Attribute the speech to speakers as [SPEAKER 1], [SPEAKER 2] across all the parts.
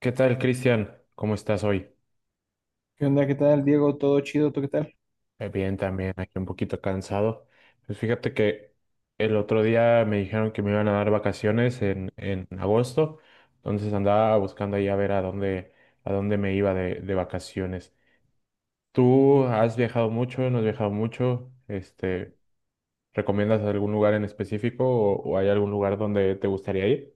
[SPEAKER 1] ¿Qué tal, Cristian? ¿Cómo estás hoy?
[SPEAKER 2] ¿Qué onda? ¿Qué tal, Diego? ¿Todo chido? ¿Tú qué tal?
[SPEAKER 1] Bien, también aquí un poquito cansado. Pues fíjate que el otro día me dijeron que me iban a dar vacaciones en agosto, entonces andaba buscando ahí a ver a dónde me iba de vacaciones. ¿Tú has viajado mucho? ¿No has viajado mucho? Este, ¿recomiendas algún lugar en específico o hay algún lugar donde te gustaría ir?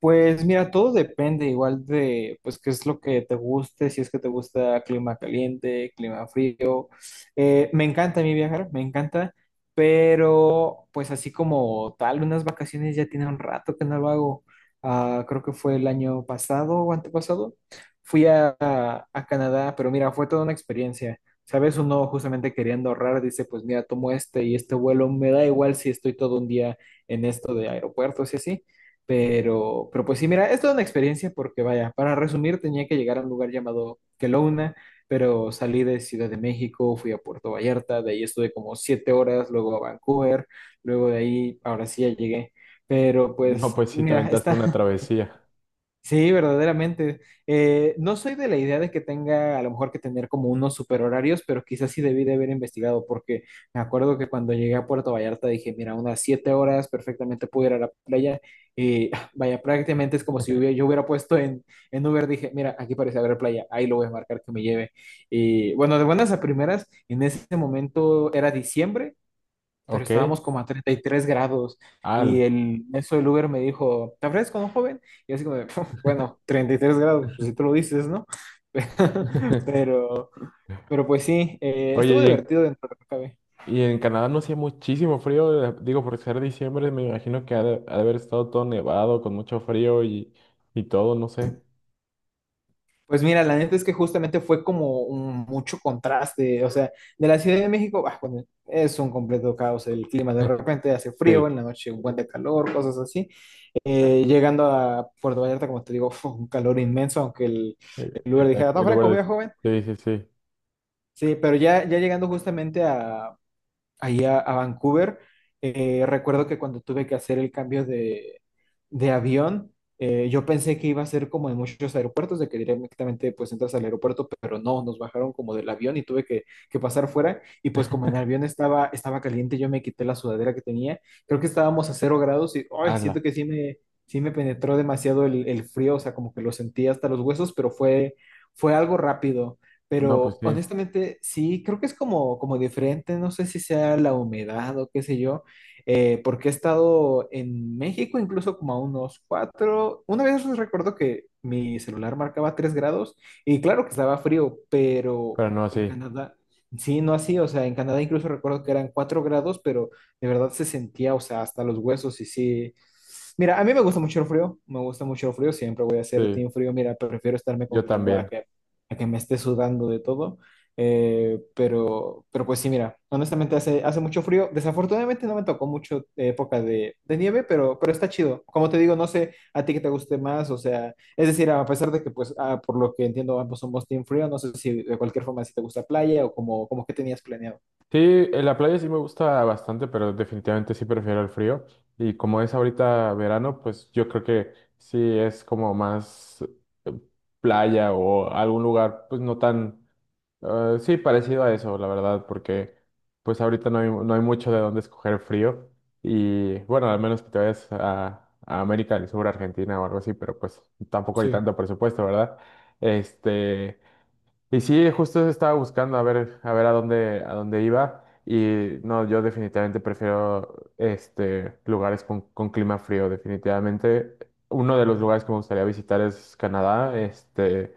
[SPEAKER 2] Pues mira, todo depende igual de, pues, qué es lo que te guste, si es que te gusta clima caliente, clima frío. Me encanta a mí viajar, me encanta, pero pues así como tal, unas vacaciones ya tiene un rato que no lo hago. Ah, creo que fue el año pasado o antepasado. Fui a Canadá, pero mira, fue toda una experiencia. ¿Sabes? Uno justamente queriendo ahorrar dice, pues mira, tomo este y este vuelo, me da igual si estoy todo un día en esto de aeropuertos y así. Pero pues sí, mira, es toda una experiencia porque vaya, para resumir tenía que llegar a un lugar llamado Kelowna, pero salí de Ciudad de México, fui a Puerto Vallarta, de ahí estuve como 7 horas, luego a Vancouver, luego de ahí, ahora sí ya llegué. Pero
[SPEAKER 1] No,
[SPEAKER 2] pues,
[SPEAKER 1] pues sí, te
[SPEAKER 2] mira,
[SPEAKER 1] aventaste una
[SPEAKER 2] está.
[SPEAKER 1] travesía.
[SPEAKER 2] Sí, verdaderamente. No soy de la idea de que tenga a lo mejor que tener como unos super horarios, pero quizás sí debí de haber investigado, porque me acuerdo que cuando llegué a Puerto Vallarta dije, mira, unas 7 horas perfectamente puedo ir a la playa. Y ah, vaya, prácticamente es como si hubiera, yo hubiera puesto en Uber, dije, mira, aquí parece haber playa, ahí lo voy a marcar que me lleve. Y bueno, de buenas a primeras, en ese momento era diciembre pero
[SPEAKER 1] Ok.
[SPEAKER 2] estábamos como a 33 grados
[SPEAKER 1] Al.
[SPEAKER 2] y el eso del Uber me dijo, ¿te ofreces como joven? Y así como, de, bueno, 33 grados, pues si tú lo dices, ¿no? Pero, pues sí,
[SPEAKER 1] Oye,
[SPEAKER 2] estuvo divertido dentro de lo que cabe.
[SPEAKER 1] ¿Y en Canadá no hacía muchísimo frío? Digo, por ser diciembre, me imagino que ha de haber estado todo nevado, con mucho frío y todo, no sé.
[SPEAKER 2] Pues mira, la neta es que justamente fue como un mucho contraste, o sea, de la Ciudad de México, bah, bueno, es un completo caos el clima, de repente hace
[SPEAKER 1] Sí,
[SPEAKER 2] frío, en la noche un buen de calor, cosas así. Llegando a Puerto Vallarta, como te digo, fue un calor inmenso, aunque el Uber dijera, está
[SPEAKER 1] el lugar
[SPEAKER 2] fresco, voy a joven.
[SPEAKER 1] de... Sí, sí, sí.
[SPEAKER 2] Sí, pero ya llegando justamente ahí a Vancouver, recuerdo que cuando tuve que hacer el cambio de avión. Yo pensé que iba a ser como en muchos aeropuertos, de que directamente pues entras al aeropuerto, pero no, nos bajaron como del avión y tuve que pasar fuera. Y pues como en el avión estaba caliente, yo me quité la sudadera que tenía. Creo que estábamos a 0 grados y ay,
[SPEAKER 1] Hazla.
[SPEAKER 2] siento que sí sí me penetró demasiado el frío, o sea, como que lo sentí hasta los huesos, pero fue algo rápido.
[SPEAKER 1] No, pues
[SPEAKER 2] Pero
[SPEAKER 1] sí,
[SPEAKER 2] honestamente, sí, creo que es como, como diferente, no sé si sea la humedad o qué sé yo, porque he estado en México incluso como a unos cuatro, una vez recuerdo que mi celular marcaba 3 grados y claro que estaba frío, pero
[SPEAKER 1] pero no
[SPEAKER 2] en
[SPEAKER 1] así.
[SPEAKER 2] Canadá, sí, no así, o sea, en Canadá incluso recuerdo que eran 4 grados, pero de verdad se sentía, o sea, hasta los huesos y sí. Mira, a mí me gusta mucho el frío, me gusta mucho el frío, siempre voy a ser
[SPEAKER 1] Sí,
[SPEAKER 2] team frío, mira, prefiero estarme
[SPEAKER 1] yo
[SPEAKER 2] congelando
[SPEAKER 1] también.
[SPEAKER 2] a que me esté sudando de todo. Pero, pues sí, mira, honestamente hace mucho frío. Desafortunadamente no me tocó mucho época de nieve, pero, está chido. Como te digo, no sé a ti que te guste más, o sea, es decir, a pesar de que, pues, ah, por lo que entiendo, ambos somos team frío, no sé si de cualquier forma si te gusta playa o como, como que tenías planeado.
[SPEAKER 1] Sí, en la playa sí me gusta bastante, pero definitivamente sí prefiero el frío. Y como es ahorita verano, pues yo creo que sí es como más eh, playa o algún lugar, pues no tan... Sí, parecido a eso, la verdad, porque pues ahorita no hay mucho de dónde escoger frío. Y bueno, al menos que te vayas a América del Sur, Argentina o algo así, pero pues tampoco hay
[SPEAKER 2] Sí.
[SPEAKER 1] tanto presupuesto, ¿verdad? Este, y sí, justo estaba buscando a ver, a ver a dónde iba. Y no, yo definitivamente prefiero este, lugares con clima frío, definitivamente. Uno de los lugares que me gustaría visitar es Canadá, este...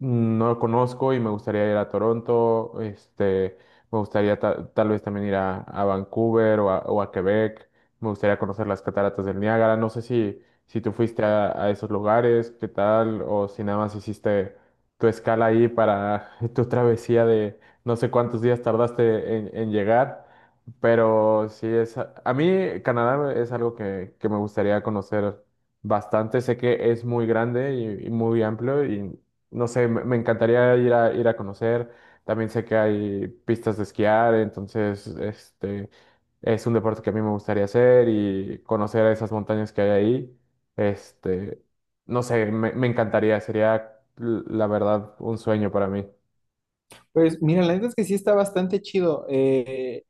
[SPEAKER 1] No lo conozco y me gustaría ir a Toronto, este, me gustaría tal vez también ir a Vancouver o a Quebec, me gustaría conocer las cataratas del Niágara, no sé si, si tú fuiste a esos lugares, qué tal, o si nada más hiciste tu escala ahí para tu travesía de no sé cuántos días tardaste en llegar, pero sí es, a mí Canadá es algo que me gustaría conocer bastante. Sé que es muy grande y muy amplio y no sé, me encantaría ir a, ir a conocer. También sé que hay pistas de esquiar, entonces este es un deporte que a mí me gustaría hacer y conocer esas montañas que hay ahí. Este, no sé, me encantaría, sería la verdad un sueño para mí.
[SPEAKER 2] Pues mira, la neta es que sí está bastante chido.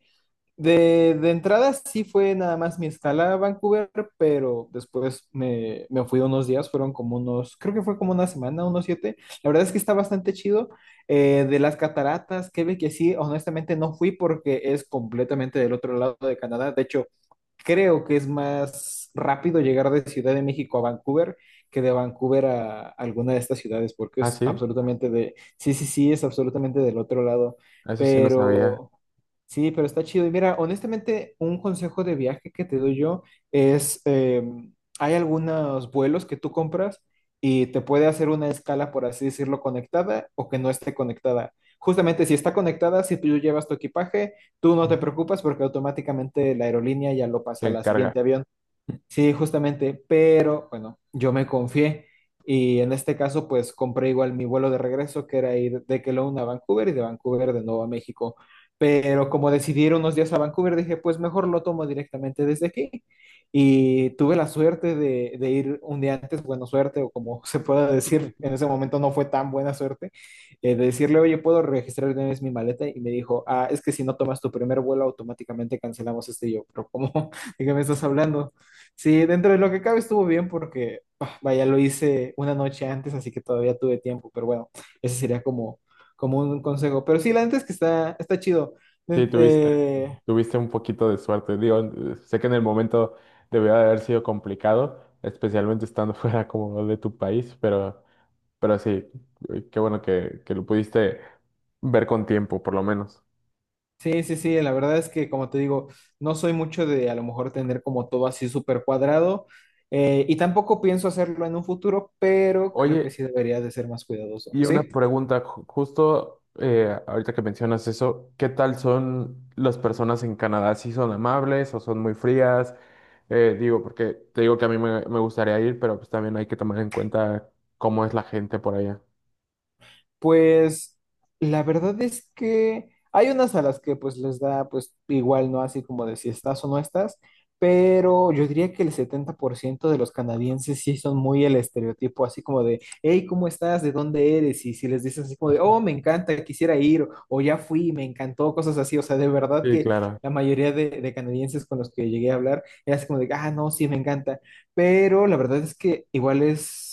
[SPEAKER 2] De entrada sí fue nada más mi escala a Vancouver, pero después me fui unos días, fueron como unos, creo que fue como una semana, unos 7. La verdad es que está bastante chido. De las cataratas, Quebec, que sí, honestamente no fui porque es completamente del otro lado de Canadá. De hecho, creo que es más rápido llegar de Ciudad de México a Vancouver que de Vancouver a alguna de estas ciudades, porque
[SPEAKER 1] Ah,
[SPEAKER 2] es
[SPEAKER 1] sí,
[SPEAKER 2] absolutamente de, sí, sí, sí, es absolutamente del otro lado.
[SPEAKER 1] eso sí no sabía.
[SPEAKER 2] Pero... Sí, pero está chido. Y mira, honestamente, un consejo de viaje que te doy yo es, hay algunos vuelos que tú compras y te puede hacer una escala, por así decirlo, conectada o que no esté conectada. Justamente si está conectada, si tú llevas tu equipaje, tú no te
[SPEAKER 1] Ujú.
[SPEAKER 2] preocupas porque automáticamente la aerolínea ya lo
[SPEAKER 1] Se
[SPEAKER 2] pasa al
[SPEAKER 1] encarga.
[SPEAKER 2] siguiente avión. Sí, justamente, pero bueno, yo me confié y en este caso pues compré igual mi vuelo de regreso que era ir de Kelowna a Vancouver y de Vancouver de nuevo a México. Pero como decidí ir unos días a Vancouver, dije pues mejor lo tomo directamente desde aquí. Y tuve la suerte de ir un día antes, buena suerte o como se pueda decir, en ese momento no fue tan buena suerte, de decirle, oye, ¿puedo registrar de una vez mi maleta? Y me dijo, ah, es que si no tomas tu primer vuelo automáticamente cancelamos este. Y yo: pero ¿cómo? ¿De qué me estás hablando? Sí, dentro de lo que cabe estuvo bien porque, ah, vaya, lo hice una noche antes, así que todavía tuve tiempo, pero bueno, ese sería como, como un consejo. Pero sí, la neta es que está, está chido.
[SPEAKER 1] Sí,
[SPEAKER 2] Ent-
[SPEAKER 1] tuviste,
[SPEAKER 2] eh,
[SPEAKER 1] tuviste un poquito de suerte. Digo, sé que en el momento debió de haber sido complicado, especialmente estando fuera como de tu país, pero... Pero sí, qué bueno que lo pudiste ver con tiempo, por lo menos.
[SPEAKER 2] sí, sí, sí, la verdad es que, como te digo, no soy mucho de a lo mejor tener como todo así súper cuadrado, y tampoco pienso hacerlo en un futuro, pero creo que
[SPEAKER 1] Oye,
[SPEAKER 2] sí debería de ser más cuidadoso,
[SPEAKER 1] y una
[SPEAKER 2] ¿sí?
[SPEAKER 1] pregunta, justo ahorita que mencionas eso, ¿qué tal son las personas en Canadá? ¿Sí son amables o son muy frías? Digo, porque te digo que a mí me, me gustaría ir, pero pues también hay que tomar en cuenta cómo es la gente por allá.
[SPEAKER 2] Pues la verdad es que hay unas a las que pues les da pues igual, ¿no? Así como de si estás o no estás, pero yo diría que el 70% de los canadienses sí son muy el estereotipo, así como de, hey, ¿cómo estás? ¿De dónde eres? Y si les dices así como de, oh, me encanta, quisiera ir, o ya fui, me encantó, cosas así, o sea, de verdad
[SPEAKER 1] Sí,
[SPEAKER 2] que
[SPEAKER 1] claro,
[SPEAKER 2] la mayoría de canadienses con los que llegué a hablar era así como de, ah, no, sí, me encanta, pero la verdad es que igual es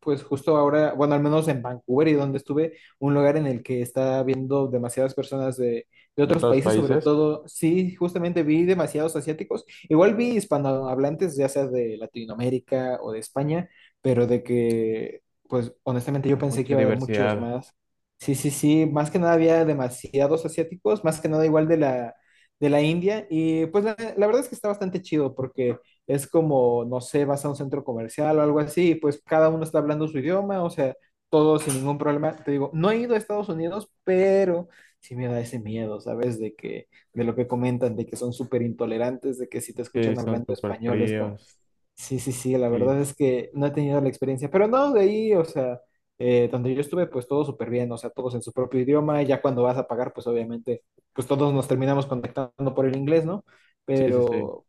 [SPEAKER 2] pues justo ahora, bueno, al menos en Vancouver y donde estuve, un lugar en el que está viendo demasiadas personas de
[SPEAKER 1] de
[SPEAKER 2] otros
[SPEAKER 1] todos los
[SPEAKER 2] países, sobre
[SPEAKER 1] países.
[SPEAKER 2] todo, sí, justamente vi demasiados asiáticos, igual vi hispanohablantes, ya sea de Latinoamérica o de España, pero de que, pues honestamente yo pensé que
[SPEAKER 1] Mucha
[SPEAKER 2] iba a haber muchos
[SPEAKER 1] diversidad.
[SPEAKER 2] más. Sí, sí, sí, más que nada había demasiados asiáticos, más que nada igual de de la India, y pues la verdad es que está bastante chido porque es como, no sé, vas a un centro comercial o algo así, y pues cada uno está hablando su idioma, o sea, todo sin ningún problema. Te digo, no he ido a Estados Unidos, pero sí me da ese miedo, ¿sabes? De que, de lo que comentan, de que son súper intolerantes, de que si te
[SPEAKER 1] Sí,
[SPEAKER 2] escuchan
[SPEAKER 1] son
[SPEAKER 2] hablando
[SPEAKER 1] súper
[SPEAKER 2] español es como,
[SPEAKER 1] fríos.
[SPEAKER 2] sí, sí, sí, la
[SPEAKER 1] Sí,
[SPEAKER 2] verdad es que no he tenido la experiencia, pero no, de ahí, o sea, donde yo estuve, pues todo súper bien, o sea, todos en su propio idioma, y ya cuando vas a pagar, pues obviamente, pues todos nos terminamos contactando por el inglés, ¿no?
[SPEAKER 1] sí, sí, sí.
[SPEAKER 2] Pero,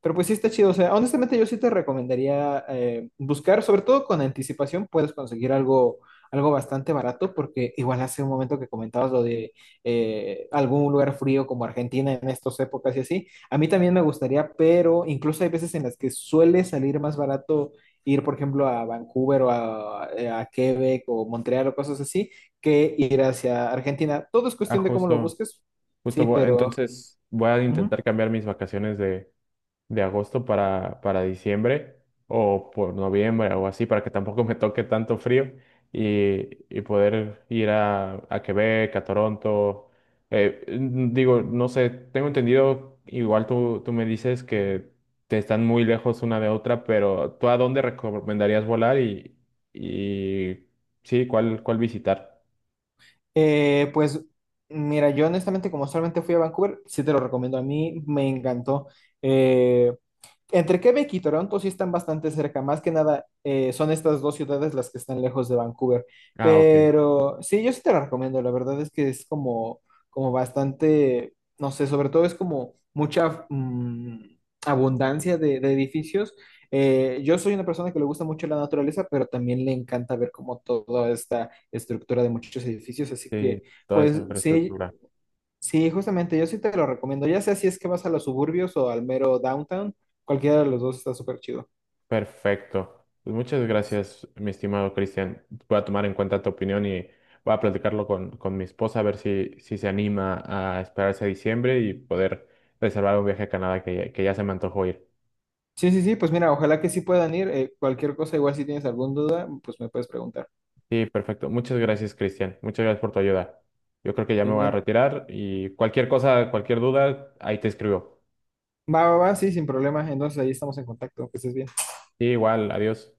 [SPEAKER 2] pues sí está chido, o sea, honestamente yo sí te recomendaría buscar, sobre todo con anticipación, puedes conseguir algo, algo bastante barato, porque igual hace un momento que comentabas lo de algún lugar frío como Argentina en estas épocas y así, a mí también me gustaría, pero incluso hay veces en las que suele salir más barato ir, por ejemplo, a Vancouver o a Quebec o Montreal o cosas así, que ir hacia Argentina. Todo es
[SPEAKER 1] Ah,
[SPEAKER 2] cuestión de cómo lo
[SPEAKER 1] justo.
[SPEAKER 2] busques,
[SPEAKER 1] Justo,
[SPEAKER 2] sí, pero...
[SPEAKER 1] entonces voy a
[SPEAKER 2] ujú.
[SPEAKER 1] intentar cambiar mis vacaciones de agosto para diciembre o por noviembre o así, para que tampoco me toque tanto frío y poder ir a Quebec, a Toronto. Digo, no sé, tengo entendido, igual tú, tú me dices que te están muy lejos una de otra, pero ¿tú a dónde recomendarías volar y sí, cuál, cuál visitar?
[SPEAKER 2] Pues mira, yo honestamente como solamente fui a Vancouver, sí te lo recomiendo. A mí me encantó. Eh, Entre Quebec y Toronto sí están bastante cerca, más que nada son estas dos ciudades las que están lejos de Vancouver,
[SPEAKER 1] Ah, ok.
[SPEAKER 2] pero sí, yo sí te la recomiendo, la verdad es que es como, como bastante, no sé, sobre todo es como mucha abundancia de edificios. Yo soy una persona que le gusta mucho la naturaleza, pero también le encanta ver como toda esta estructura de muchos edificios, así que
[SPEAKER 1] Sí, toda esa
[SPEAKER 2] pues sí.
[SPEAKER 1] infraestructura.
[SPEAKER 2] Sí, justamente, yo sí te lo recomiendo. Ya sea si es que vas a los suburbios o al mero downtown, cualquiera de los dos está súper chido.
[SPEAKER 1] Perfecto. Pues muchas gracias, mi estimado Cristian. Voy a tomar en cuenta tu opinión y voy a platicarlo con mi esposa a ver si, si se anima a esperarse a diciembre y poder reservar un viaje a Canadá que ya se me antojó ir.
[SPEAKER 2] Sí, sí, sí, pues mira, ojalá que sí puedan ir. Cualquier cosa, igual si tienes alguna duda, pues me puedes preguntar.
[SPEAKER 1] Sí, perfecto. Muchas gracias, Cristian. Muchas gracias por tu ayuda. Yo creo que ya me
[SPEAKER 2] Y no
[SPEAKER 1] voy a
[SPEAKER 2] hay-
[SPEAKER 1] retirar y cualquier cosa, cualquier duda, ahí te escribo.
[SPEAKER 2] Va, va, va, sí, sin problema. Entonces ahí estamos en contacto, que estés bien.
[SPEAKER 1] Sí, igual, adiós.